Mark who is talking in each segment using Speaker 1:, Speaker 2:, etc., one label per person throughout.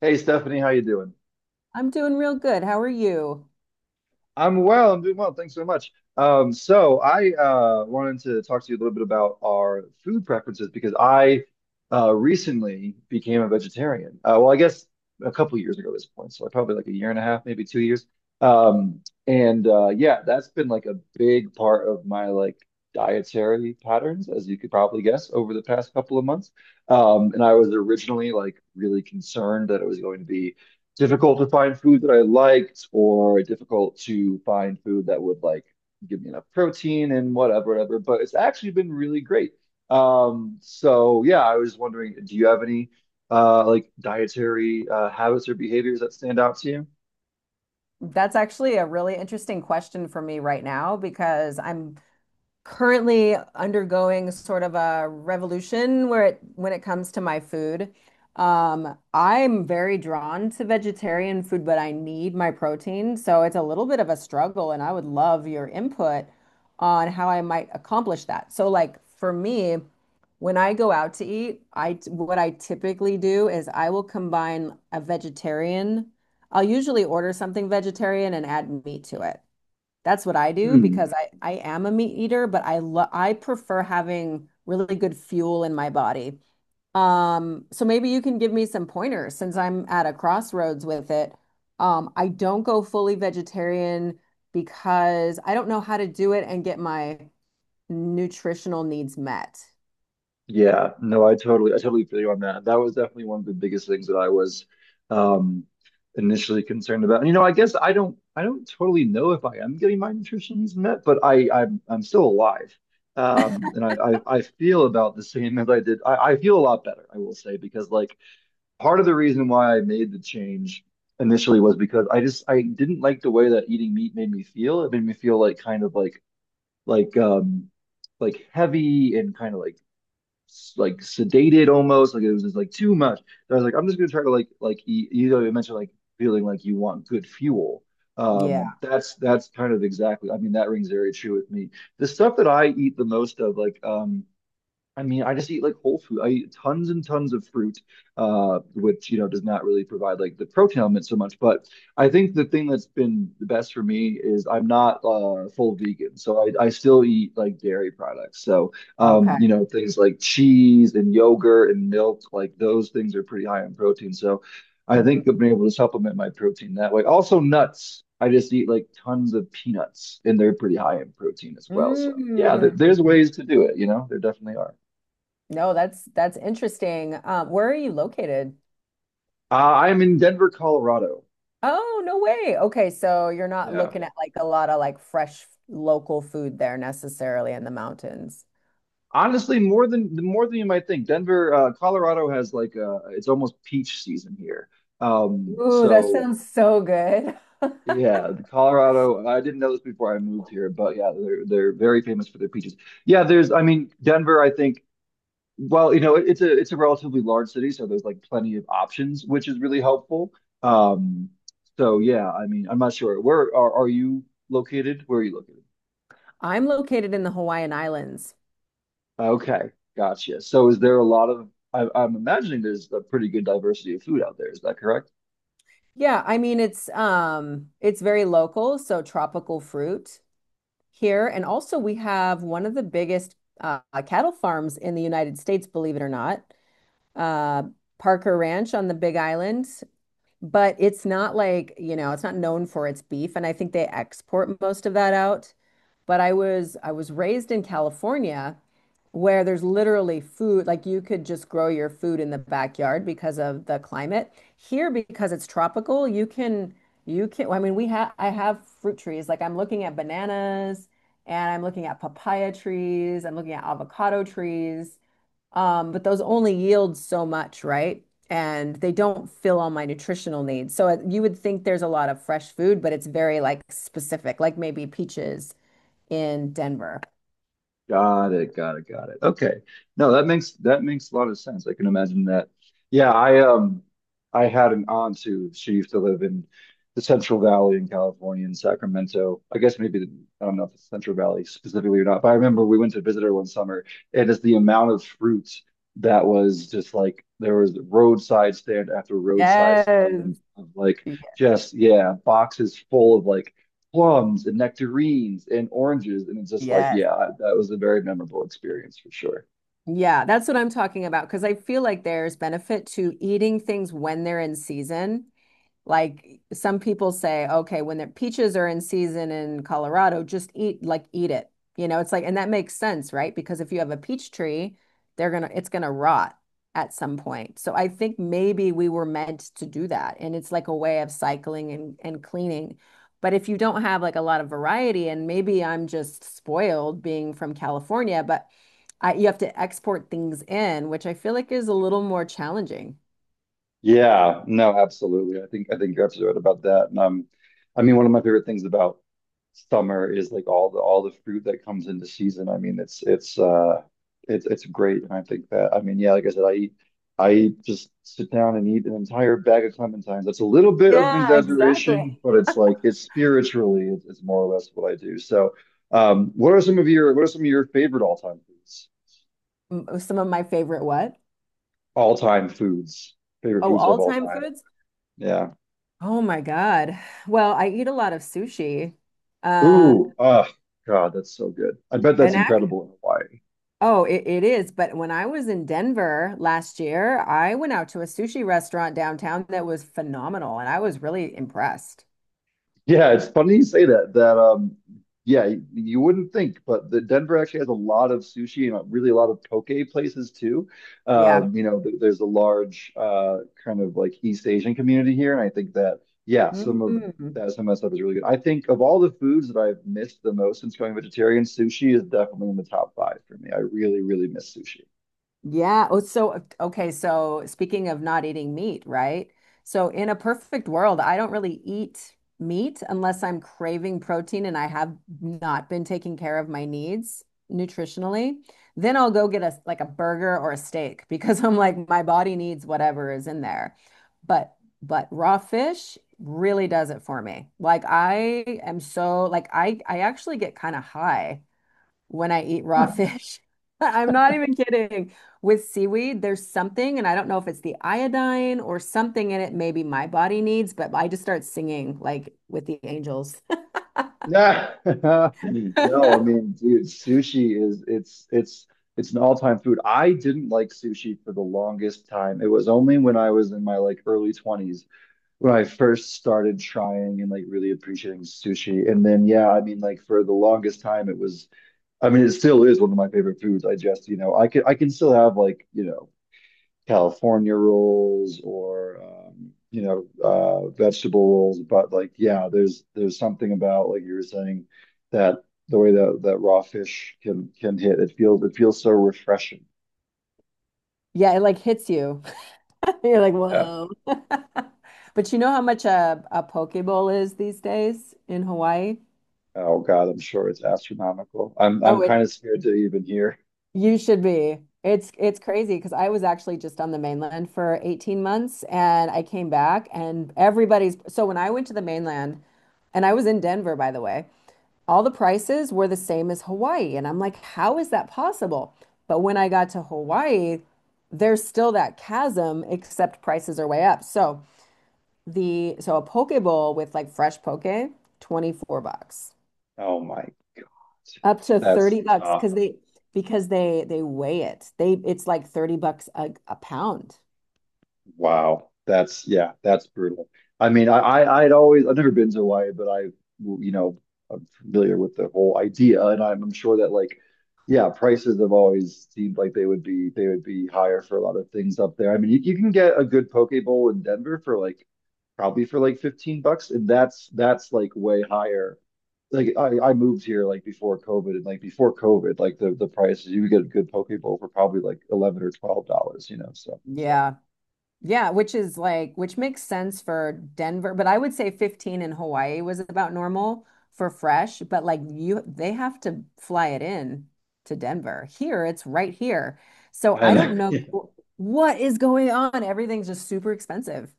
Speaker 1: Hey Stephanie, how you doing?
Speaker 2: I'm doing real good. How are you?
Speaker 1: I'm well. I'm doing well. Thanks so much. So I wanted to talk to you a little bit about our food preferences because I recently became a vegetarian. Well, I guess a couple years ago at this point, so probably like a year and a half, maybe 2 years. Um, and Yeah, that's been like a big part of my like dietary patterns, as you could probably guess, over the past couple of months. And I was originally like really concerned that it was going to be difficult to find food that I liked, or difficult to find food that would like give me enough protein and whatever, whatever. But it's actually been really great. So yeah, I was just wondering, do you have any like dietary habits or behaviors that stand out to
Speaker 2: That's actually a really interesting question for me right now because I'm currently undergoing sort of a revolution where it when it comes to my food. I'm very drawn to vegetarian food, but I need my protein, so it's a little bit of a struggle, and I would love your input on how I might accomplish that. So, like for me. When I go out to eat, I what I typically do is I will combine a vegetarian. I'll usually order something vegetarian and add meat to it. That's what I do
Speaker 1: you?
Speaker 2: because I am a meat eater, but I prefer having really good fuel in my body. So maybe you can give me some pointers since I'm at a crossroads with it. I don't go fully vegetarian because I don't know how to do it and get my nutritional needs met.
Speaker 1: Yeah, no, I totally feel you on that. That was definitely one of the biggest things that I was um, initially concerned about. And, you know, I don't totally know if I am getting my nutrition needs met, but I'm still alive, um, and I, I feel about the same as I did. I feel a lot better, I will say, because like part of the reason why I made the change initially was because I didn't like the way that eating meat made me feel. It made me feel like kind of like, um, like heavy and kind of like sedated, almost like it was just like too much. So I was like, I'm just gonna try to like eat, you know, you mentioned like feeling like you want good fuel.
Speaker 2: Yeah.
Speaker 1: That's kind of exactly, I mean, that rings very true with me. The stuff that I eat the most of, like, I mean, I just eat like whole food. I eat tons and tons of fruit, which, you know, does not really provide like the protein element so much. But I think the thing that's been the best for me is I'm not full vegan. So I still eat like dairy products. So,
Speaker 2: Okay.
Speaker 1: you know, things like cheese and yogurt and milk, like those things are pretty high in protein. So I
Speaker 2: Mhm.
Speaker 1: think I've been able to supplement my protein that way. Also, nuts. I just eat like tons of peanuts, and they're pretty high in protein as well. So, yeah, th
Speaker 2: Mm.
Speaker 1: there's ways to do it, you know, there definitely are.
Speaker 2: No, that's interesting. Where are you located?
Speaker 1: I'm in Denver, Colorado.
Speaker 2: Oh, no way. Okay, so you're not
Speaker 1: Yeah.
Speaker 2: looking at like a lot of like fresh local food there necessarily in the mountains.
Speaker 1: Honestly, more than you might think. Denver, Colorado has like it's almost peach season here.
Speaker 2: Ooh, that
Speaker 1: So
Speaker 2: sounds so good.
Speaker 1: yeah, the Colorado, I didn't know this before I moved here, but yeah, they're very famous for their peaches. Yeah, there's I mean, Denver, I think, well, you know, it's a relatively large city, so there's like plenty of options, which is really helpful. Um, so yeah, I mean, I'm not sure. Are you located? Where are you located?
Speaker 2: I'm located in the Hawaiian Islands.
Speaker 1: Okay, gotcha. So is there a lot of I'm imagining there's a pretty good diversity of food out there. Is that correct?
Speaker 2: Yeah, I mean it's very local, so tropical fruit here, and also we have one of the biggest uh, cattle farms in the United States, believe it or not. uh, Parker Ranch on the Big Island, but it's not like, you know, it's not known for its beef, and I think they export most of that out. But I was raised in California where there's literally food, like you could just grow your food in the backyard because of the climate. Here, because it's tropical, you can I have fruit trees. Like I'm looking at bananas and I'm looking at papaya trees, I'm looking at avocado trees. But those only yield so much, right? And they don't fill all my nutritional needs. You would think there's a lot of fresh food, but it's very like specific, like maybe peaches in Denver.
Speaker 1: Got it, got it, got it. Okay. No, that makes a lot of sense. I can imagine that. Yeah, I had an aunt who she used to live in the Central Valley in California in Sacramento. I guess I don't know if it's Central Valley specifically or not, but I remember we went to visit her one summer and it's the amount of fruit that was just like there was roadside stand after roadside stand,
Speaker 2: Yes.
Speaker 1: and of like
Speaker 2: Y-
Speaker 1: just yeah, boxes full of like plums and nectarines and oranges. And it's just like,
Speaker 2: Yes.
Speaker 1: yeah, that was a very memorable experience for sure.
Speaker 2: Yeah, that's what I'm talking about because I feel like there's benefit to eating things when they're in season. Like some people say, okay, when the peaches are in season in Colorado, just eat it. You know, it's like, and that makes sense, right? Because if you have a peach tree, they're gonna it's gonna rot at some point. So I think maybe we were meant to do that. And it's like a way of cycling and cleaning. But if you don't have like a lot of variety, and maybe I'm just spoiled being from California, but you have to export things in, which I feel like is a little more challenging.
Speaker 1: Yeah, no, absolutely. I think you're absolutely right about that. And I mean, one of my favorite things about summer is like all the fruit that comes into season. I mean, it's it's great. And I think that I mean, yeah, like I said, just sit down and eat an entire bag of clementines. That's a little bit of an
Speaker 2: Yeah, exactly.
Speaker 1: exaggeration, but it's like it's spiritually it's more or less what I do. So, what are some of your favorite all-time foods?
Speaker 2: Some of my favorite what?
Speaker 1: All-time foods, favorite
Speaker 2: Oh,
Speaker 1: foods of all
Speaker 2: all-time
Speaker 1: time.
Speaker 2: foods?
Speaker 1: Yeah.
Speaker 2: Oh my God. Well, I eat a lot of sushi. Uh,
Speaker 1: Ooh, ah, God, that's so good. I bet that's
Speaker 2: and act
Speaker 1: incredible in Hawaii.
Speaker 2: Oh, it is. But when I was in Denver last year, I went out to a sushi restaurant downtown that was phenomenal, and I was really impressed.
Speaker 1: Yeah, it's funny you say that. That yeah, you wouldn't think, but the Denver actually has a lot of sushi and really a lot of poke places too.
Speaker 2: Yeah.
Speaker 1: You know, th there's a large kind of like East Asian community here, and I think that yeah,
Speaker 2: Mhm.
Speaker 1: some of that stuff is really good. I think of all the foods that I've missed the most since going vegetarian, sushi is definitely in the top five for me. I really, really miss sushi.
Speaker 2: Yeah. Oh, so okay. So speaking of not eating meat, right? So in a perfect world, I don't really eat meat unless I'm craving protein and I have not been taking care of my needs nutritionally. Then I'll go get a like a burger or a steak because I'm like my body needs whatever is in there. But raw fish really does it for me. Like I am so like I actually get kind of high when I eat raw fish. I'm not even kidding. With seaweed, there's something, and I don't know if it's the iodine or something in it, maybe my body needs, but I just start singing like with the angels.
Speaker 1: Yeah. No, I mean, dude, sushi is it's an all-time food. I didn't like sushi for the longest time. It was only when I was in my like early 20s when I first started trying and like really appreciating sushi. And then yeah, I mean like for the longest time it was I mean it still is one of my favorite foods. You know, I can still have like, you know, California rolls or you know vegetable rolls, but like yeah, there's something about like you were saying that the way that raw fish can hit. It feels so refreshing.
Speaker 2: Yeah, it like hits you. You're like,
Speaker 1: Yeah.
Speaker 2: whoa. But you know how much a poke bowl is these days in Hawaii?
Speaker 1: Oh God, I'm sure it's astronomical. I'm
Speaker 2: Oh, it
Speaker 1: kind of scared to even hear.
Speaker 2: You should be. It's crazy because I was actually just on the mainland for 18 months and I came back and everybody's so when I went to the mainland and I was in Denver, by the way, all the prices were the same as Hawaii and I'm like, how is that possible? But when I got to Hawaii, there's still that chasm except prices are way up. So a poke bowl with like fresh poke, 24 bucks.
Speaker 1: Oh my God,
Speaker 2: Up to
Speaker 1: that's
Speaker 2: 30 bucks
Speaker 1: tough.
Speaker 2: because they weigh it. They It's like 30 bucks a pound.
Speaker 1: Wow, that's yeah, that's brutal. I mean, I'd always I've never been to Hawaii, but I you know I'm familiar with the whole idea, and I'm sure that like yeah, prices have always seemed like they would be higher for a lot of things up there. I mean, you can get a good poke bowl in Denver for like probably for like $15, and that's like way higher. Like I moved here like before COVID, and like before COVID, like the prices you could get a good poke bowl for probably like 11 or $12, you know, so.
Speaker 2: Yeah. Yeah, which is like, which makes sense for Denver, but I would say 15 in Hawaii was about normal for fresh, but like you, they have to fly it in to Denver. Here, it's right here. So I don't
Speaker 1: And
Speaker 2: know what is going on. Everything's just super expensive.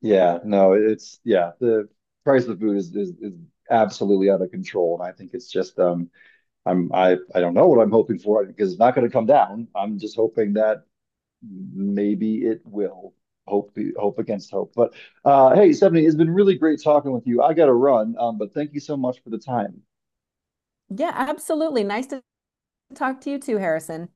Speaker 1: Yeah, no, it's yeah, the price of food is absolutely out of control, and I think it's just I don't know what I'm hoping for because it's not going to come down. I'm just hoping that maybe it will. Hope against hope. But hey, Stephanie, it's been really great talking with you. I got to run, but thank you so much for the time.
Speaker 2: Yeah, absolutely. Nice to talk to you too, Harrison.